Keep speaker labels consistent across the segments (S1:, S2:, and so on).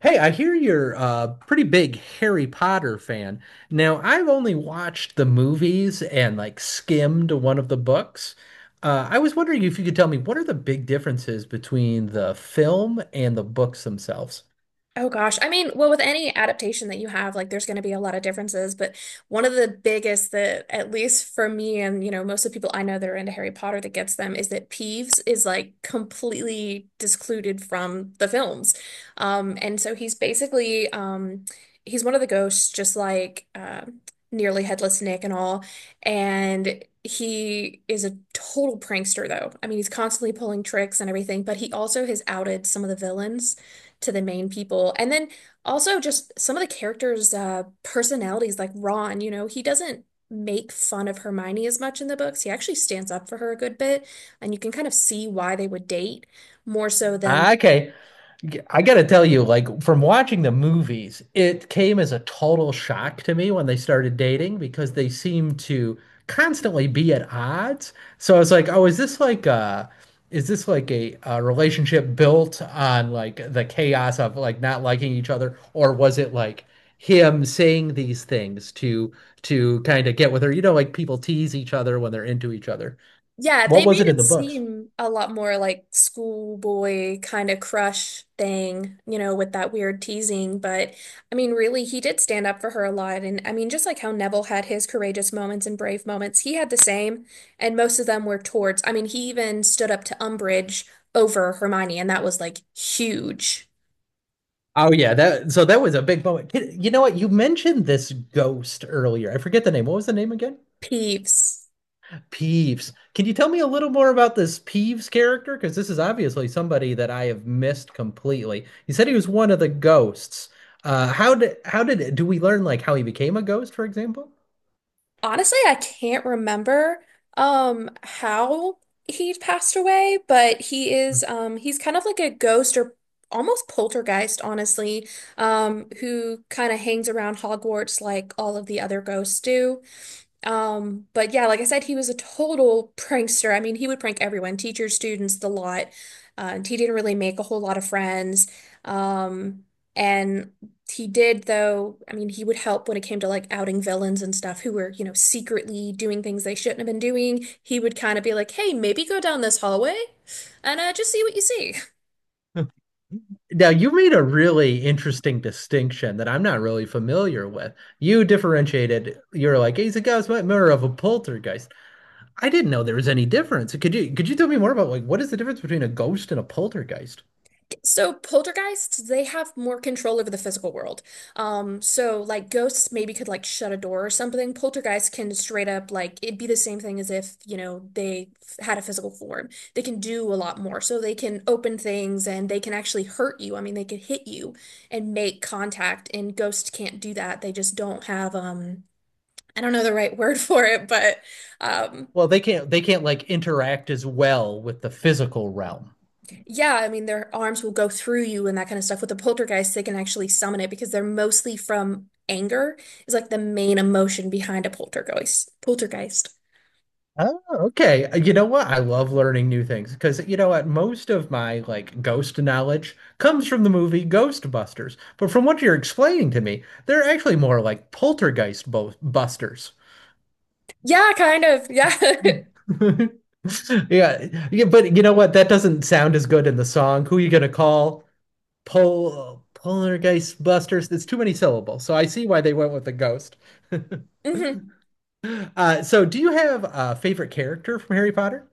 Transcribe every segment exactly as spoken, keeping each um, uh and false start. S1: Hey, I hear you're a pretty big Harry Potter fan. Now, I've only watched the movies and like skimmed one of the books. Uh, I was wondering if you could tell me what are the big differences between the film and the books themselves?
S2: Oh gosh. I mean, well, with any adaptation that you have, like there's going to be a lot of differences, but one of the biggest that at least for me and, you know, most of the people I know that are into Harry Potter that gets them is that Peeves is like completely discluded from the films. Um, and so he's basically um he's one of the ghosts just like uh, nearly headless Nick and all. And he is a total prankster though. I mean, he's constantly pulling tricks and everything, but he also has outed some of the villains to the main people. And then also just some of the characters' uh, personalities, like Ron, you know, he doesn't make fun of Hermione as much in the books. He actually stands up for her a good bit, and you can kind of see why they would date more so. Mhm. Than
S1: Ah, okay, I gotta tell you, like from watching the movies, it came as a total shock to me when they started dating because they seemed to constantly be at odds. So I was like, oh, is this like a, is this like a, a relationship built on like the chaos of like not liking each other, or was it like him saying these things to to kind of get with her? You know, like people tease each other when they're into each other.
S2: yeah,
S1: What
S2: they
S1: was
S2: made
S1: it in
S2: it
S1: the books?
S2: seem a lot more like schoolboy kind of crush thing, you know, with that weird teasing. But I mean, really, he did stand up for her a lot. And I mean, just like how Neville had his courageous moments and brave moments, he had the same. And most of them were towards, I mean, he even stood up to Umbridge over Hermione, and that was like huge.
S1: Oh yeah, that so that was a big moment. Kid- You know what? You mentioned this ghost earlier. I forget the name. What was the name again?
S2: Peeves.
S1: Peeves. Can you tell me a little more about this Peeves character? Because this is obviously somebody that I have missed completely. You said he was one of the ghosts. Uh, how did how did do we learn like how he became a ghost, for example?
S2: Honestly, I can't remember um how he passed away, but he is um he's kind of like a ghost or almost poltergeist, honestly, um, who kind of hangs around Hogwarts like all of the other ghosts do. Um, but yeah, like I said, he was a total prankster. I mean, he would prank everyone, teachers, students, the lot. Uh, and he didn't really make a whole lot of friends. Um, and he did, though, I mean, he would help when it came to like outing villains and stuff who were, you know, secretly doing things they shouldn't have been doing. He would kind of be like, hey, maybe go down this hallway and uh, just see what you see.
S1: Now, you made a really interesting distinction that I'm not really familiar with. You differentiated, you're like, he's a ghost, but more of a poltergeist. I didn't know there was any difference. Could you could you tell me more about like what is the difference between a ghost and a poltergeist?
S2: So poltergeists, they have more control over the physical world. Um, so like ghosts maybe could like shut a door or something. Poltergeists can straight up like it'd be the same thing as if, you know, they f- had a physical form. They can do a lot more. So they can open things and they can actually hurt you. I mean, they could hit you and make contact, and ghosts can't do that. They just don't have um I don't know the right word for it, but um
S1: Well, they can't they can't like interact as well with the physical realm.
S2: yeah, I mean, their arms will go through you and that kind of stuff. With the poltergeist, they can actually summon it because they're mostly from anger, is like the main emotion behind a poltergeist. Poltergeist.
S1: Oh, okay, uh, you know what? I love learning new things because you know what? Most of my like ghost knowledge comes from the movie Ghostbusters. But from what you're explaining to me, they're actually more like poltergeist bo busters.
S2: Yeah, kind of. Yeah.
S1: Yeah, yeah, but you know what? That doesn't sound as good in the song. Who are you gonna call? Pol poltergeist busters. It's too many syllables. So I see why they went with the ghost.
S2: Hmm.
S1: Uh, so, do you have a favorite character from Harry Potter?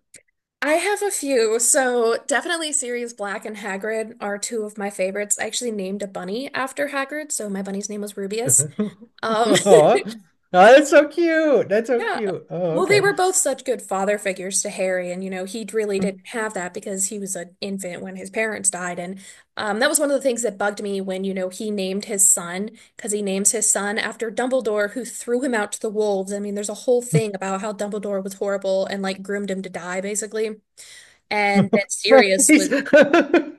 S2: I have a few. So definitely Sirius Black and Hagrid are two of my favorites. I actually named a bunny after Hagrid, so my bunny's name was Rubius.
S1: Aw.
S2: Um,
S1: Oh, that's so cute. That's so
S2: Yeah.
S1: cute. Oh,
S2: Well, they were
S1: okay.
S2: both such good father figures to Harry, and you know, he really didn't have that because he was an infant when his parents died. And um, that was one of the things that bugged me when, you know, he named his son, because he names his son after Dumbledore, who threw him out to the wolves. I mean, there's a whole thing about how Dumbledore was horrible and like groomed him to die, basically. And then Sirius
S1: He's-
S2: was,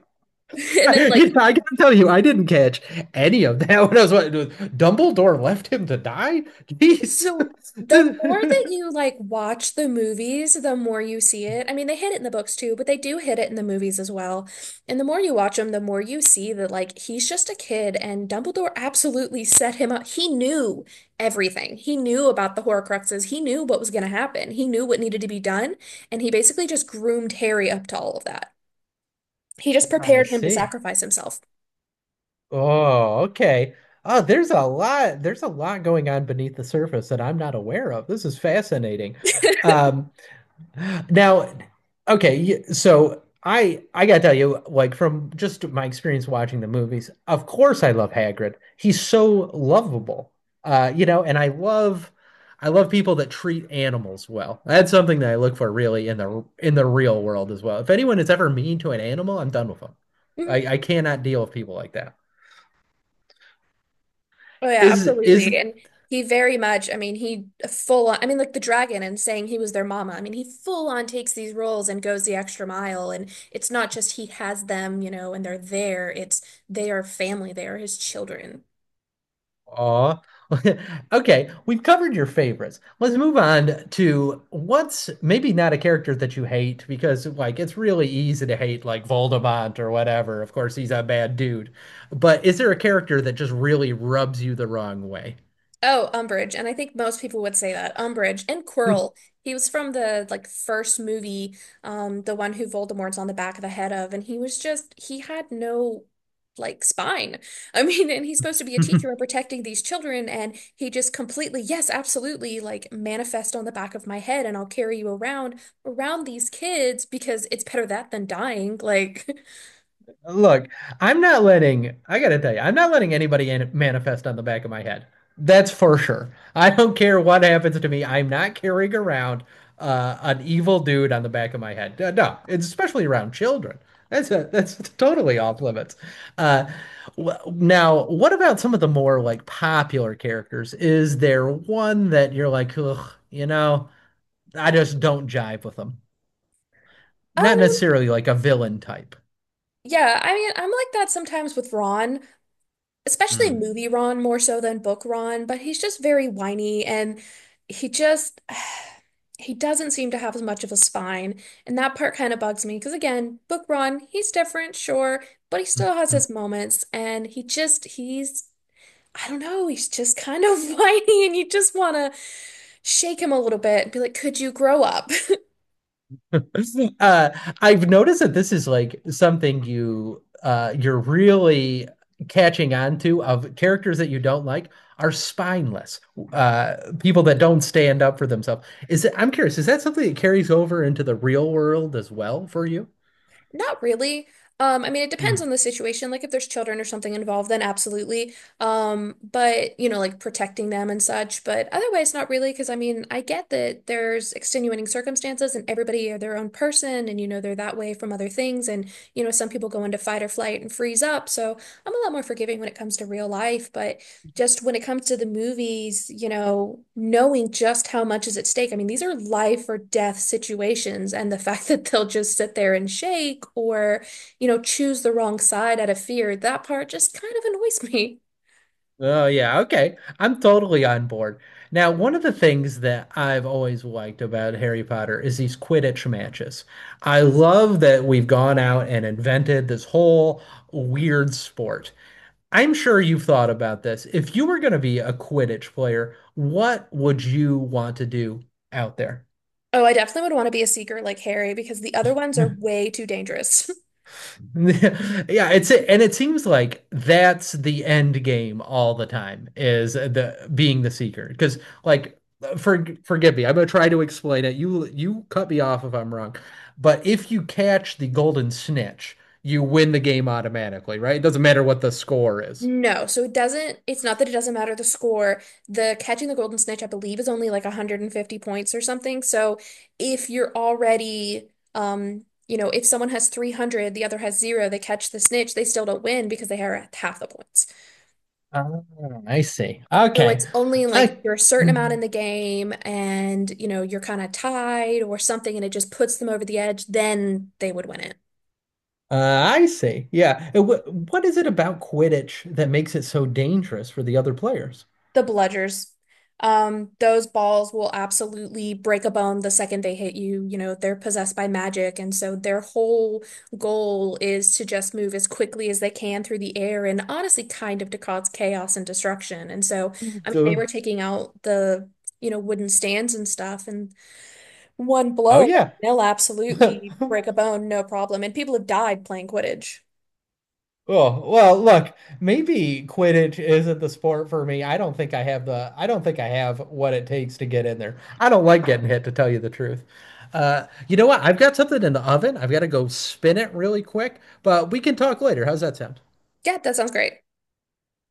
S2: and then
S1: You
S2: like,
S1: know, I gotta tell you, I didn't catch any of that when I was watching. Dumbledore left him to die? Jeez.
S2: so the more that
S1: The-
S2: you like watch the movies, the more you see it. I mean, they hit it in the books too, but they do hit it in the movies as well. And the more you watch them, the more you see that like he's just a kid and Dumbledore absolutely set him up. He knew everything. He knew about the Horcruxes. He knew what was going to happen. He knew what needed to be done, and he basically just groomed Harry up to all of that. He just
S1: I
S2: prepared him to
S1: see.
S2: sacrifice himself.
S1: Oh, okay. Oh, there's a lot, there's a lot going on beneath the surface that I'm not aware of. This is fascinating. Um, now, okay, y- so I I gotta tell you, like from just my experience watching the movies, of course I love Hagrid. He's so lovable. Uh, you know, and I love I love people that treat animals well. That's something that I look for really in the in the real world as well. If anyone is ever mean to an animal, I'm done with them.
S2: Mm-hmm.
S1: I, I cannot deal with people like that.
S2: Oh yeah,
S1: Is
S2: absolutely.
S1: is
S2: And he very much, I mean, he full on, I mean, like the dragon and saying he was their mama. I mean, he full on takes these roles and goes the extra mile. And it's not just he has them, you know, and they're there. It's they are family. They are his children.
S1: aw. Okay, we've covered your favorites. Let's move on to what's maybe not a character that you hate because like it's really easy to hate like Voldemort or whatever. Of course, he's a bad dude. But is there a character that just really rubs you the wrong way?
S2: Oh, Umbridge, and I think most people would say that. Umbridge and Quirrell. He was from the like first movie, um, the one who Voldemort's on the back of the head of, and he was just he had no like spine. I mean, and he's supposed to be a teacher and protecting these children, and he just completely, yes, absolutely, like manifest on the back of my head, and I'll carry you around around these kids because it's better that than dying. Like,
S1: Look, I'm not letting, I gotta tell you, I'm not letting anybody in manifest on the back of my head. That's for sure. I don't care what happens to me. I'm not carrying around uh, an evil dude on the back of my head. Uh, no, it's especially around children. That's a, that's totally off limits. Uh, wh- now, what about some of the more like popular characters? Is there one that you're like, ugh, you know, I just don't jive with them? Not
S2: um,
S1: necessarily like a villain type.
S2: yeah, I mean, I'm like that sometimes with Ron, especially movie
S1: Mm.
S2: Ron more so than book Ron, but he's just very whiny and he just he doesn't seem to have as much of a spine. And that part kind of bugs me because again, book Ron, he's different, sure, but he still has his moments and he just he's I don't know, he's just kind of whiny and you just want to shake him a little bit and be like, "Could you grow up?"
S1: Uh, I've noticed that this is like something you uh, you're really catching on to of characters that you don't like are spineless uh, people that don't stand up for themselves. Is it, I'm curious, is that something that carries over into the real world as well for you?
S2: Not really. Um, I mean, it depends on the situation. Like if there's children or something involved, then absolutely. Um, but you know, like protecting them and such. But otherwise, not really, because I mean, I get that there's extenuating circumstances and everybody are their own person, and you know, they're that way from other things. And you know, some people go into fight or flight and freeze up. So I'm a lot more forgiving when it comes to real life. But just when it comes to the movies, you know, knowing just how much is at stake. I mean, these are life or death situations, and the fact that they'll just sit there and shake or, you know, choose the wrong side out of fear, that part just kind of annoys me.
S1: Oh, yeah. Okay. I'm totally on board. Now, one of the things that I've always liked about Harry Potter is these Quidditch matches. I love that we've gone out and invented this whole weird sport. I'm sure you've thought about this. If you were going to be a Quidditch player, what would you want to do out there?
S2: Oh, I definitely would want to be a seeker like Harry because the other ones are way too dangerous.
S1: Yeah, it's it, and it seems like that's the end game all the time is the being the seeker. Because like for forgive me, I'm gonna try to explain it. You you cut me off if I'm wrong. But if you catch the golden snitch, you win the game automatically, right? It doesn't matter what the score is.
S2: No, so it doesn't, it's not that it doesn't matter the score. The catching the golden snitch, I believe, is only like one hundred fifty points or something. So if you're already, um, you know, if someone has three hundred, the other has zero, they catch the snitch, they still don't win because they are at half the points.
S1: Oh, I see.
S2: So
S1: Okay.
S2: it's only like if
S1: I
S2: you're a certain amount in the game and, you know, you're kind of tied or something and it just puts them over the edge, then they would win it.
S1: uh, I see. Yeah. And wh- what is it about Quidditch that makes it so dangerous for the other players?
S2: The bludgers. Um, those balls will absolutely break a bone the second they hit you. You know, they're possessed by magic, and so their whole goal is to just move as quickly as they can through the air and honestly kind of to cause chaos and destruction. And so, I mean, they
S1: So,
S2: were taking out the, you know, wooden stands and stuff, and one
S1: oh
S2: blow,
S1: yeah.
S2: they'll absolutely break a bone, no problem. And people have died playing Quidditch.
S1: Oh, well, look, maybe Quidditch isn't the sport for me. I don't think I have the I don't think I have what it takes to get in there. I don't like getting hit, to tell you the truth. Uh, you know what? I've got something in the oven. I've got to go spin it really quick, but we can talk later. How's that sound?
S2: Yeah, that sounds great.